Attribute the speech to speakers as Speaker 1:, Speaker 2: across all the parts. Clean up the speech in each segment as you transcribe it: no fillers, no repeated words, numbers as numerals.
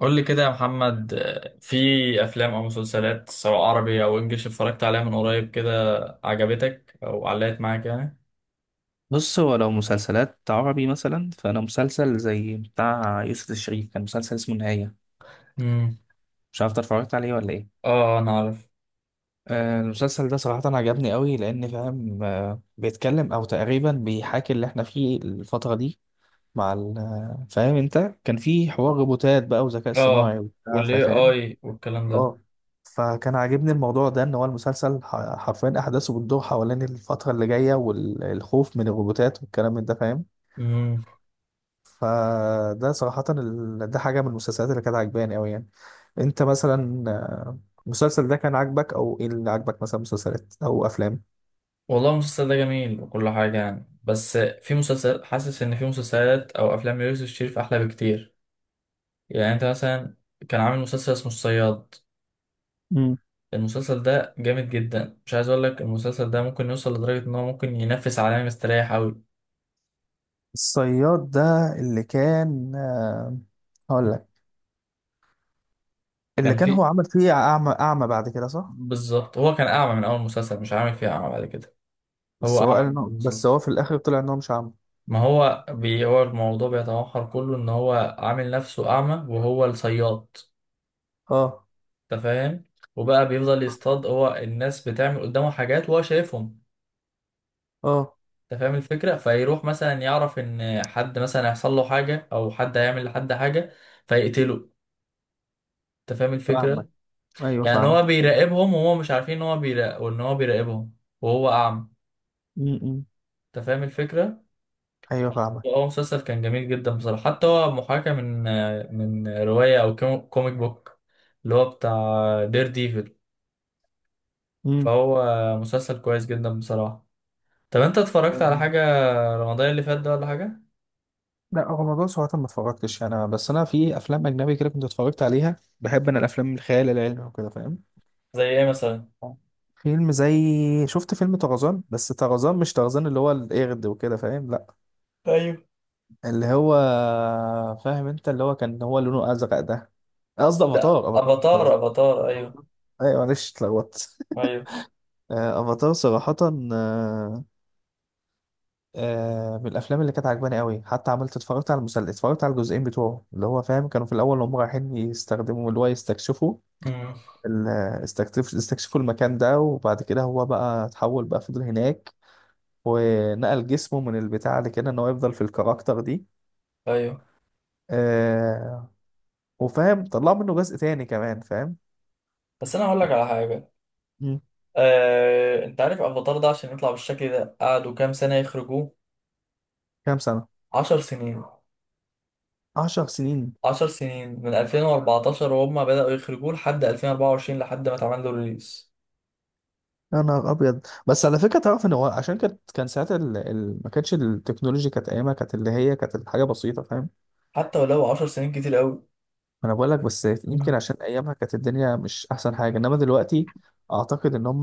Speaker 1: قول لي كده يا محمد، في افلام او مسلسلات سواء عربي او انجليش اتفرجت عليها من قريب كده عجبتك او علقت معاك يعني؟
Speaker 2: بص، هو لو مسلسلات عربي مثلا فانا مسلسل زي بتاع يوسف الشريف كان مسلسل اسمه النهاية.
Speaker 1: امم.
Speaker 2: مش عارف إنت اتفرجت عليه ولا ايه؟
Speaker 1: اه، انا عارف.
Speaker 2: المسلسل ده صراحة عجبني قوي لأن فاهم، بيتكلم أو تقريبا بيحاكي اللي احنا فيه الفترة دي مع فاهم انت. كان في حوار روبوتات بقى وذكاء
Speaker 1: اه،
Speaker 2: اصطناعي وبتاع
Speaker 1: والاي
Speaker 2: فاهم.
Speaker 1: اي والكلام ده.
Speaker 2: اه. فكان عاجبني الموضوع ده ان هو المسلسل حرفيا احداثه بتدور حوالين الفترة اللي جاية والخوف من الروبوتات والكلام من ده فاهم.
Speaker 1: امم.
Speaker 2: فده صراحة ده حاجة من المسلسلات اللي كانت عجباني أوي يعني. أنت مثلا، المسلسل ده كان عاجبك أو إيه اللي عاجبك مثلا مسلسلات أو أفلام؟
Speaker 1: والله المسلسل ده جميل وكل حاجه يعني، بس في مسلسل حاسس ان في مسلسلات او افلام ليوسف الشريف احلى بكتير. يعني انت مثلا كان عامل مسلسل اسمه الصياد.
Speaker 2: امم.
Speaker 1: المسلسل ده جامد جدا، مش عايز اقول لك المسلسل ده ممكن يوصل لدرجه ان هو ممكن ينافس عالمي، مستريح قوي.
Speaker 2: الصياد ده اللي كان، هقول لك، اللي
Speaker 1: كان
Speaker 2: كان هو
Speaker 1: في
Speaker 2: عمل فيه أعمى أعمى بعد كده صح؟
Speaker 1: بالظبط هو كان أعمى من أول مسلسل، مش عامل فيها أعمى بعد كده. هو
Speaker 2: بس هو قال
Speaker 1: أعمى من أول
Speaker 2: إنه، بس هو
Speaker 1: مسلسل.
Speaker 2: في الآخر طلع إن هو مش أعمى.
Speaker 1: ما هو هو الموضوع بيتمحور كله إن هو عامل نفسه أعمى وهو الصياد.
Speaker 2: أه،
Speaker 1: أنت فاهم؟ وبقى بيفضل يصطاد، هو الناس بتعمل قدامه حاجات وهو شايفهم.
Speaker 2: أه،
Speaker 1: أنت فاهم الفكرة؟ فيروح مثلا يعرف إن حد مثلا هيحصل له حاجة أو حد هيعمل لحد حاجة، فيقتله. أنت فاهم الفكرة؟
Speaker 2: فاهمك. أيوه
Speaker 1: يعني
Speaker 2: فاهمك.
Speaker 1: هو بيراقبهم وهو مش عارفين إن هو بيراقب وإن هو بيراقبهم وهو أعمى.
Speaker 2: م- م.
Speaker 1: أنت فاهم الفكرة؟
Speaker 2: أيوه فاهمك.
Speaker 1: هو مسلسل كان جميل جدا بصراحة، حتى هو محاكاة من رواية أو كوميك بوك اللي هو بتاع دير ديفل. فهو مسلسل كويس جدا بصراحة. طب أنت اتفرجت على
Speaker 2: امم.
Speaker 1: حاجة رمضان اللي فات ده ولا حاجة؟
Speaker 2: لا، هو موضوع صراحة ما اتفرجتش يعني، انا بس انا في افلام اجنبي كده كنت اتفرجت عليها، بحب انا الافلام الخيال العلمي وكده فاهم.
Speaker 1: زي إيه مثلا؟
Speaker 2: آه. فيلم زي شفت فيلم طرزان، بس طرزان مش طرزان اللي هو القرد وكده فاهم؟ لا،
Speaker 1: ايوه.
Speaker 2: اللي هو فاهم انت، اللي هو كان هو لونه ازرق ده. قصدي
Speaker 1: لا،
Speaker 2: افاتار، افاتار
Speaker 1: أفاتار،
Speaker 2: طرزان.
Speaker 1: أفاتار، أيوه.
Speaker 2: أفاتار. ايوه، معلش اتلخبطت
Speaker 1: أيوه.
Speaker 2: افاتار صراحة. آه، من الافلام اللي كانت عجباني قوي، حتى عملت اتفرجت على المسلسل، اتفرجت على الجزئين بتوعه اللي هو فاهم، كانوا في الاول هم رايحين يستخدموا اللي هو يستكشفوا
Speaker 1: امم.
Speaker 2: ال- استكشفوا المكان ده، وبعد كده هو بقى اتحول بقى فضل هناك، ونقل جسمه من البتاع اللي كده ان هو يفضل في الكاركتر دي.
Speaker 1: أيوه.
Speaker 2: آه، وفاهم طلعوا منه جزء تاني كمان فاهم.
Speaker 1: بس أنا هقول لك على حاجة.
Speaker 2: مم.
Speaker 1: أنت عارف أفاتار ده عشان يطلع بالشكل ده قعدوا كام سنة يخرجوه؟
Speaker 2: كام سنة؟
Speaker 1: 10 سنين.
Speaker 2: 10 سنين.
Speaker 1: 10 سنين من 2014 وهم بدأوا يخرجوه لحد 2024 لحد ما اتعمل له ريليس.
Speaker 2: يا نهار ابيض. بس على فكره، تعرف ان هو عشان كانت، كان ساعتها ما كانتش التكنولوجيا، كانت ايامها كانت اللي هي كانت الحاجه بسيطه فاهم.
Speaker 1: حتى ولو 10 سنين كتير قوي.
Speaker 2: انا بقول لك، بس يمكن
Speaker 1: مم.
Speaker 2: عشان ايامها كانت الدنيا مش احسن حاجه انما دلوقتي، اعتقد ان هم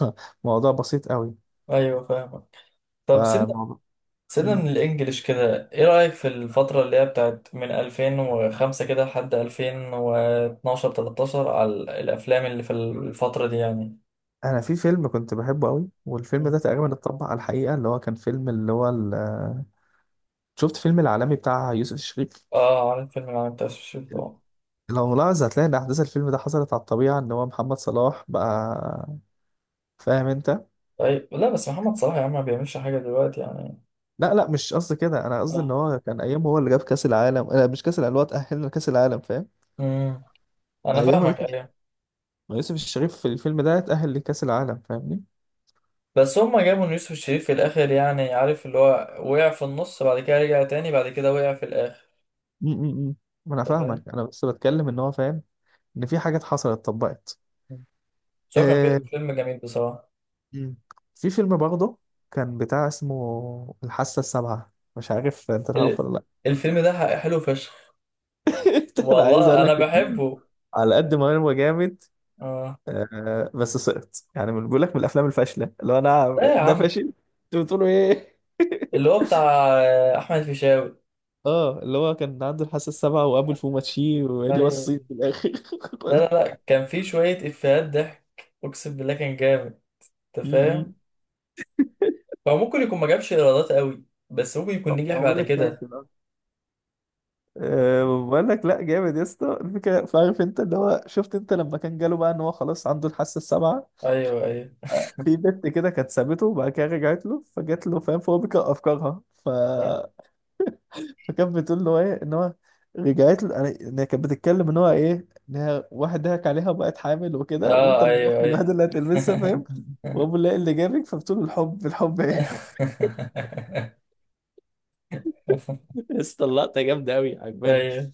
Speaker 2: موضوع بسيط قوي.
Speaker 1: ايوه فاهمك. طب سيبنا.
Speaker 2: فالموضوع.
Speaker 1: سيبنا
Speaker 2: مم.
Speaker 1: من الانجليش كده، ايه رأيك في الفترة اللي هي بتاعت من 2005 كده لحد 2012، 13، على الافلام اللي في الفترة دي يعني؟
Speaker 2: انا في فيلم كنت بحبه قوي، والفيلم
Speaker 1: مم.
Speaker 2: ده تقريبا اتطبق على الحقيقه، اللي هو كان فيلم اللي هو شفت فيلم العالمي بتاع يوسف الشريف.
Speaker 1: اه، عارف فيلم العالم بتاع الشيخ طبعا.
Speaker 2: لو ملاحظ هتلاقي ان احداث الفيلم ده حصلت على الطبيعه، ان هو محمد صلاح بقى فاهم انت.
Speaker 1: طيب، لا بس محمد صلاح يا عم ما بيعملش حاجة دلوقتي يعني.
Speaker 2: لا لا مش قصدي كده، انا قصدي ان
Speaker 1: اه.
Speaker 2: هو كان ايام هو اللي جاب كاس العالم، لا مش كاس العالم، اللي هو تاهلنا لكاس العالم فاهم.
Speaker 1: امم. انا
Speaker 2: ايام
Speaker 1: فاهمك، ايوه.
Speaker 2: ما يوسف الشريف في الفيلم ده اتأهل لكأس العالم فاهمني.
Speaker 1: بس هما جابوا إن يوسف الشريف في الاخر يعني، عارف اللي هو وقع في النص بعد كده رجع تاني بعد كده وقع في الاخر،
Speaker 2: م- م- م. ما انا
Speaker 1: انت فاهم.
Speaker 2: فاهمك، انا بس بتكلم ان هو فاهم، ان في حاجات حصلت اتطبقت.
Speaker 1: بس هو كان
Speaker 2: آه.
Speaker 1: فيلم جميل بصراحة.
Speaker 2: م. في فيلم برضه كان بتاع اسمه الحاسة السابعة، مش عارف انت
Speaker 1: ال-
Speaker 2: تعرفه ولا لا؟
Speaker 1: الفيلم ده حلو فشخ.
Speaker 2: انا عايز
Speaker 1: والله
Speaker 2: اقول
Speaker 1: انا
Speaker 2: لك،
Speaker 1: بحبه.
Speaker 2: على قد ما هو جامد،
Speaker 1: اه.
Speaker 2: بس سقط. يعني بيقول لك من الافلام الفاشله اللي هو، انا
Speaker 1: ده يا
Speaker 2: ده
Speaker 1: عم
Speaker 2: فاشل، انتوا بتقولوا ايه
Speaker 1: اللي هو بتاع احمد فيشاوي.
Speaker 2: اه، اللي هو كان عنده الحاسه السابعه وابو الفوماتشي واللي هو الصيت
Speaker 1: أيوة.
Speaker 2: في الاخر
Speaker 1: لا،
Speaker 2: ولا-
Speaker 1: لا، لا، كان في شوية افيهات ضحك. اقسم بالله كان جامد، انت
Speaker 2: م- م.
Speaker 1: فاهم. هو ممكن يكون ما جابش ايرادات قوي، بس ممكن يكون
Speaker 2: طب
Speaker 1: نجح
Speaker 2: بقول
Speaker 1: بعد
Speaker 2: لك
Speaker 1: كده.
Speaker 2: كاسب أصلاً. أه بقول لك لا، جامد يا اسطى الفكره. فعارف انت اللي هو شفت انت لما كان جاله بقى ان هو خلاص عنده الحاسه السابعه،
Speaker 1: ايوه، ايوه.
Speaker 2: في بنت كده كانت سابته وبعد كده رجعت له، فجات له فاهم، فهو بيقرا افكارها، ف فكانت بتقول له ايه ان هو رجعت له، ان هي كانت بتتكلم ان هو ايه، ان هي واحد ضحك عليها وبقت حامل وكده، وانت
Speaker 1: اه، ايوه،
Speaker 2: الملف
Speaker 1: ايوه.
Speaker 2: الوحيد اللي هتلمسها فاهم، وابو اللي جابك، فبتقول له الحب الحب ايه يا اسطى اللقطه جامده قوي عجباني.
Speaker 1: ايوه.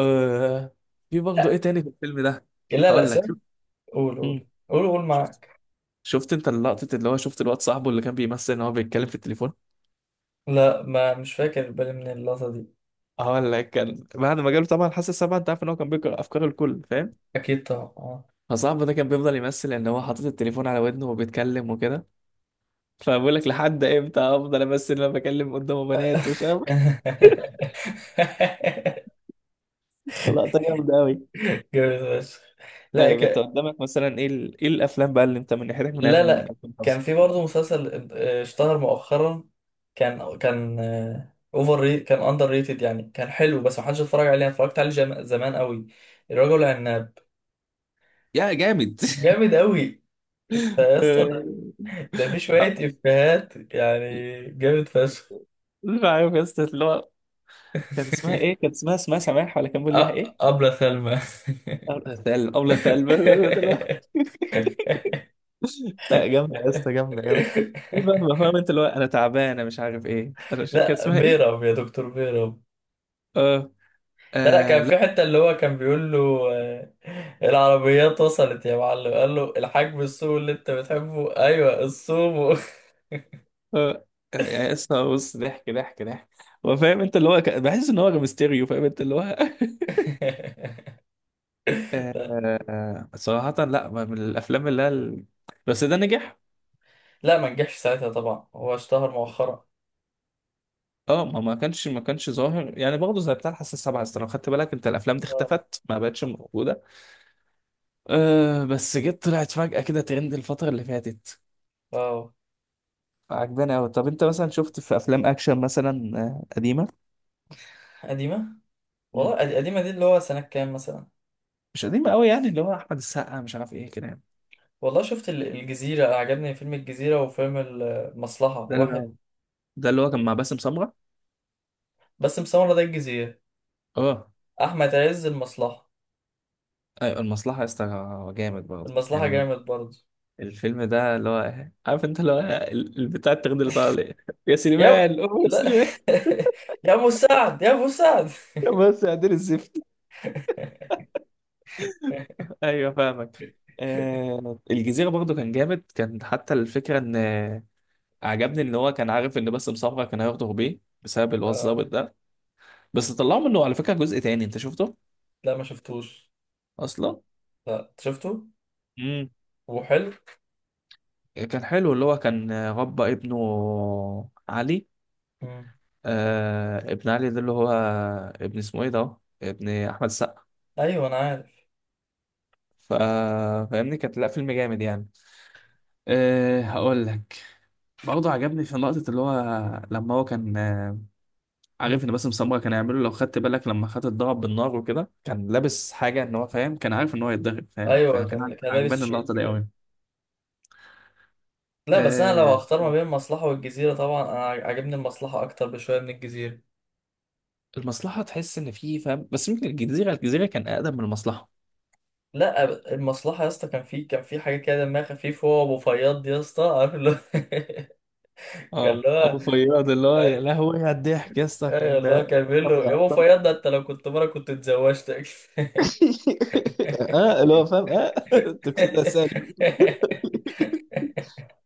Speaker 2: آه في برضه ايه
Speaker 1: لا،
Speaker 2: تاني في الفيلم ده؟
Speaker 1: لا، لا،
Speaker 2: هقول لك
Speaker 1: سيبك.
Speaker 2: شوف.
Speaker 1: قول، قول.
Speaker 2: مم.
Speaker 1: قول، قول
Speaker 2: شفت
Speaker 1: معاك.
Speaker 2: شفت انت اللقطة اللي هو شفت الواد صاحبه اللي كان بيمثل ان هو بيتكلم في التليفون.
Speaker 1: لا، ما مش فاكر بالي من اللقطة دي.
Speaker 2: هقول لك، كان بعد ما جاله طبعا حاسس سبعة، انت عارف ان هو كان بيقرا افكار الكل فاهم،
Speaker 1: اكيد طبعا.
Speaker 2: فصاحبه ده كان بيفضل يمثل ان هو حاطط التليفون على ودنه وبيتكلم وكده، فبقول لك لحد امتى افضل امثل ان انا بكلم قدامه
Speaker 1: آه.
Speaker 2: بنات ومش عارف إيه؟ لقطة جامدة قوي.
Speaker 1: جامد فشخ. لا
Speaker 2: طيب انت قدامك مثلا ايه ايه الافلام بقى اللي انت من ناحيتك من أيام
Speaker 1: لا، لا، كان
Speaker 2: 2005؟
Speaker 1: في برضه مسلسل اشتهر مؤخرا. كان كان اندر ريتد يعني، كان حلو بس محدش اتفرج عليه. أنا اتفرجت عليه زمان قوي. الرجل العناب.
Speaker 2: يا جامد
Speaker 1: جامد قوي. انت يا اسطى، ده في شوية
Speaker 2: آه،
Speaker 1: إفيهات يعني، جامد فشخ.
Speaker 2: عارف يا اسطى اللي هو، كانت اسمها ايه؟ كانت اسمها سماح ولا كان بيقول لها
Speaker 1: أ-
Speaker 2: ايه؟
Speaker 1: أبلة سلمى.
Speaker 2: أولى ثقل، أولى ثقل لا جامدة يا اسطى، جامدة جامدة. في بقى ما فاهم انت اللي هو، انا تعبانة مش عارف ايه، انا كان
Speaker 1: لا،
Speaker 2: اسمها ايه؟
Speaker 1: بيرم يا دكتور بيرم.
Speaker 2: اه.
Speaker 1: لا، لا،
Speaker 2: آه.
Speaker 1: كان في
Speaker 2: لا.
Speaker 1: حتة اللي هو كان بيقول له آه، العربيات وصلت يا معلم، قال له الحجم السوق اللي انت بتحبه، ايوه السومو.
Speaker 2: آه. يا اسطى بص، ضحك ضحك ضحك. هو فاهم انت اللي هو بحس ان هو ميستيريو فاهم انت اللي هو
Speaker 1: لا،
Speaker 2: صراحة لا، ما من الافلام اللي هي بس ده نجح.
Speaker 1: لا، ما نجحش ساعتها طبعا، هو اشتهر مؤخرا.
Speaker 2: اه، ما كانش ظاهر يعني برضه زي بتاع الحاسه السابعه، أصل لو خدت بالك انت، الافلام دي
Speaker 1: اه.
Speaker 2: اختفت ما بقتش موجوده. أه بس جت طلعت فجأة كده ترند الفتره اللي فاتت.
Speaker 1: آه.
Speaker 2: عجباني قوي. طب انت مثلا شفت في افلام اكشن مثلا، قديمه؟
Speaker 1: قديمة.
Speaker 2: مم.
Speaker 1: والله قديمة دي اللي هو سنة كام مثلا؟
Speaker 2: مش قديمه قوي يعني، اللي هو احمد السقا مش عارف ايه كده يعني.
Speaker 1: والله شفت الجزيرة، عجبني فيلم الجزيرة وفيلم المصلحة
Speaker 2: ده اللي
Speaker 1: واحد.
Speaker 2: هو ده اللي هو كان مع باسم سمره.
Speaker 1: بس مسمرة ده الجزيرة،
Speaker 2: اه،
Speaker 1: أحمد عز المصلحة.
Speaker 2: ايوه المصلحه يا اسطى، جامد برضه
Speaker 1: المصلحة
Speaker 2: يعني.
Speaker 1: جامد برضه.
Speaker 2: الفيلم ده اللي هو، عارف انت اللي هو البتاع الترند اللي طالع يا
Speaker 1: يا
Speaker 2: سليمان، أوه يا
Speaker 1: لا.
Speaker 2: سليمان
Speaker 1: يا أبو سعد، يا أبو سعد.
Speaker 2: يا بس يا عدل الزفت. ايوه فاهمك. الجزيره برضه كان جامد، كان حتى الفكره ان عجبني ان هو كان عارف ان باسم سمره كان هياخده بيه بسبب اللي هو
Speaker 1: آه.
Speaker 2: الظابط ده. بس طلعوا منه على فكره جزء تاني، انت شفته
Speaker 1: لا ما شفتوش.
Speaker 2: اصلا؟
Speaker 1: لا، أنت شفته.
Speaker 2: امم.
Speaker 1: وحلو.
Speaker 2: كان حلو، اللي هو كان ربى ابنه علي.
Speaker 1: مم.
Speaker 2: آه، ابن علي ده اللي هو ابن، اسمه ايه ده، ابن احمد السقا.
Speaker 1: أيوه، أنا عارف.
Speaker 2: ف- فاهمني، كانت لا فيلم جامد يعني. أه هقول لك، برضه عجبني في نقطة اللي هو لما هو كان عارف
Speaker 1: مم.
Speaker 2: ان باسم سمرة كان هيعمله، لو خدت بالك لما خد الضرب بالنار وكده، كان لابس حاجه ان هو فاهم، كان عارف ان هو يتضرب فاهم،
Speaker 1: أيوه،
Speaker 2: فكان
Speaker 1: كان كان لابس
Speaker 2: عجباني
Speaker 1: شيد
Speaker 2: اللقطه دي
Speaker 1: كده.
Speaker 2: قوي.
Speaker 1: لا، بس أنا لو
Speaker 2: آه،
Speaker 1: هختار ما بين المصلحة والجزيرة، طبعا أنا عاجبني المصلحة أكتر بشوية من الجزيرة.
Speaker 2: المصلحه تحس ان في فاهم، بس يمكن الجزيره، الجزيره كان اقدم من المصلحه.
Speaker 1: لا، المصلحة يا اسطى، كان في حاجة كده دمها خفيف، هو وأبو فياض. يا اسطى، عارف اللي هو. كان
Speaker 2: اه،
Speaker 1: اللي
Speaker 2: ابو
Speaker 1: هو،
Speaker 2: فياض اللي هو، يا
Speaker 1: أيوة.
Speaker 2: لهوي على الضحك يا اسطى،
Speaker 1: أيوة،
Speaker 2: كان
Speaker 1: اللي هو كان بيقول
Speaker 2: كان
Speaker 1: له يا أبو
Speaker 2: بيعطل
Speaker 1: فياض، ده أنت لو كنت مرة كنت اتزوجتك.
Speaker 2: اه اللي هو فاهم اه تقصدها سالم.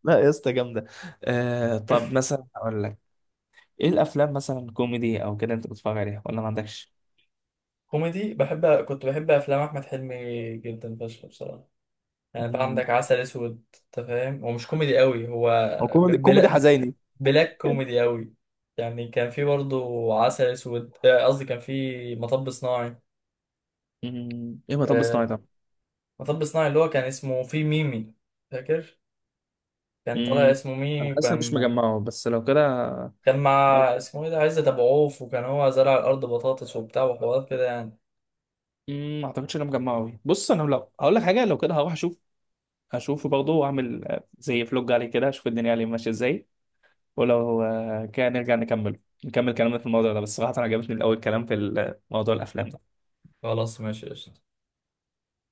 Speaker 2: لا يا اسطى جامده. طب مثلا اقول لك، ايه الافلام مثلا كوميدي او كده انت بتتفرج عليها ولا ما عندكش؟
Speaker 1: كوميدي بحب. كنت بحب أفلام أحمد حلمي جدا فشخ بصراحة. يعني بقى عندك عسل أسود، أنت فاهم، هو مش كوميدي قوي هو.
Speaker 2: هو
Speaker 1: ب-
Speaker 2: كوميدي، كوميدي
Speaker 1: بلا
Speaker 2: حزيني.
Speaker 1: بلاك كوميدي قوي. يعني كان في برضه عسل أسود، قصدي كان في مطب صناعي.
Speaker 2: ايه مطب
Speaker 1: آه،
Speaker 2: صناعي ده؟
Speaker 1: مطب صناعي اللي هو كان اسمه في ميمي، فاكر؟ كان طالع
Speaker 2: مم،
Speaker 1: اسمه
Speaker 2: انا
Speaker 1: ميمي.
Speaker 2: حاسس إن مش
Speaker 1: وكان
Speaker 2: مجمعه، بس لو كده
Speaker 1: كان مع
Speaker 2: لو
Speaker 1: اسمه ايه ده عزت ابو عوف، وكان هو زرع الارض بطاطس وبتاع وحوارات كده يعني.
Speaker 2: مم، ما اعتقدش ان انا مجمعه أوي. بص انا لو هقول لك حاجه لو كده هروح اشوف، هشوفه برضه واعمل زي فلوج عليه كده، اشوف الدنيا عليه ماشيه ازاي. ولو كده نرجع نكمل كلامنا في الموضوع ده، بس صراحه انا عجبتني الاول كلام في موضوع الافلام.
Speaker 1: خلاص، ماشي، قشطة.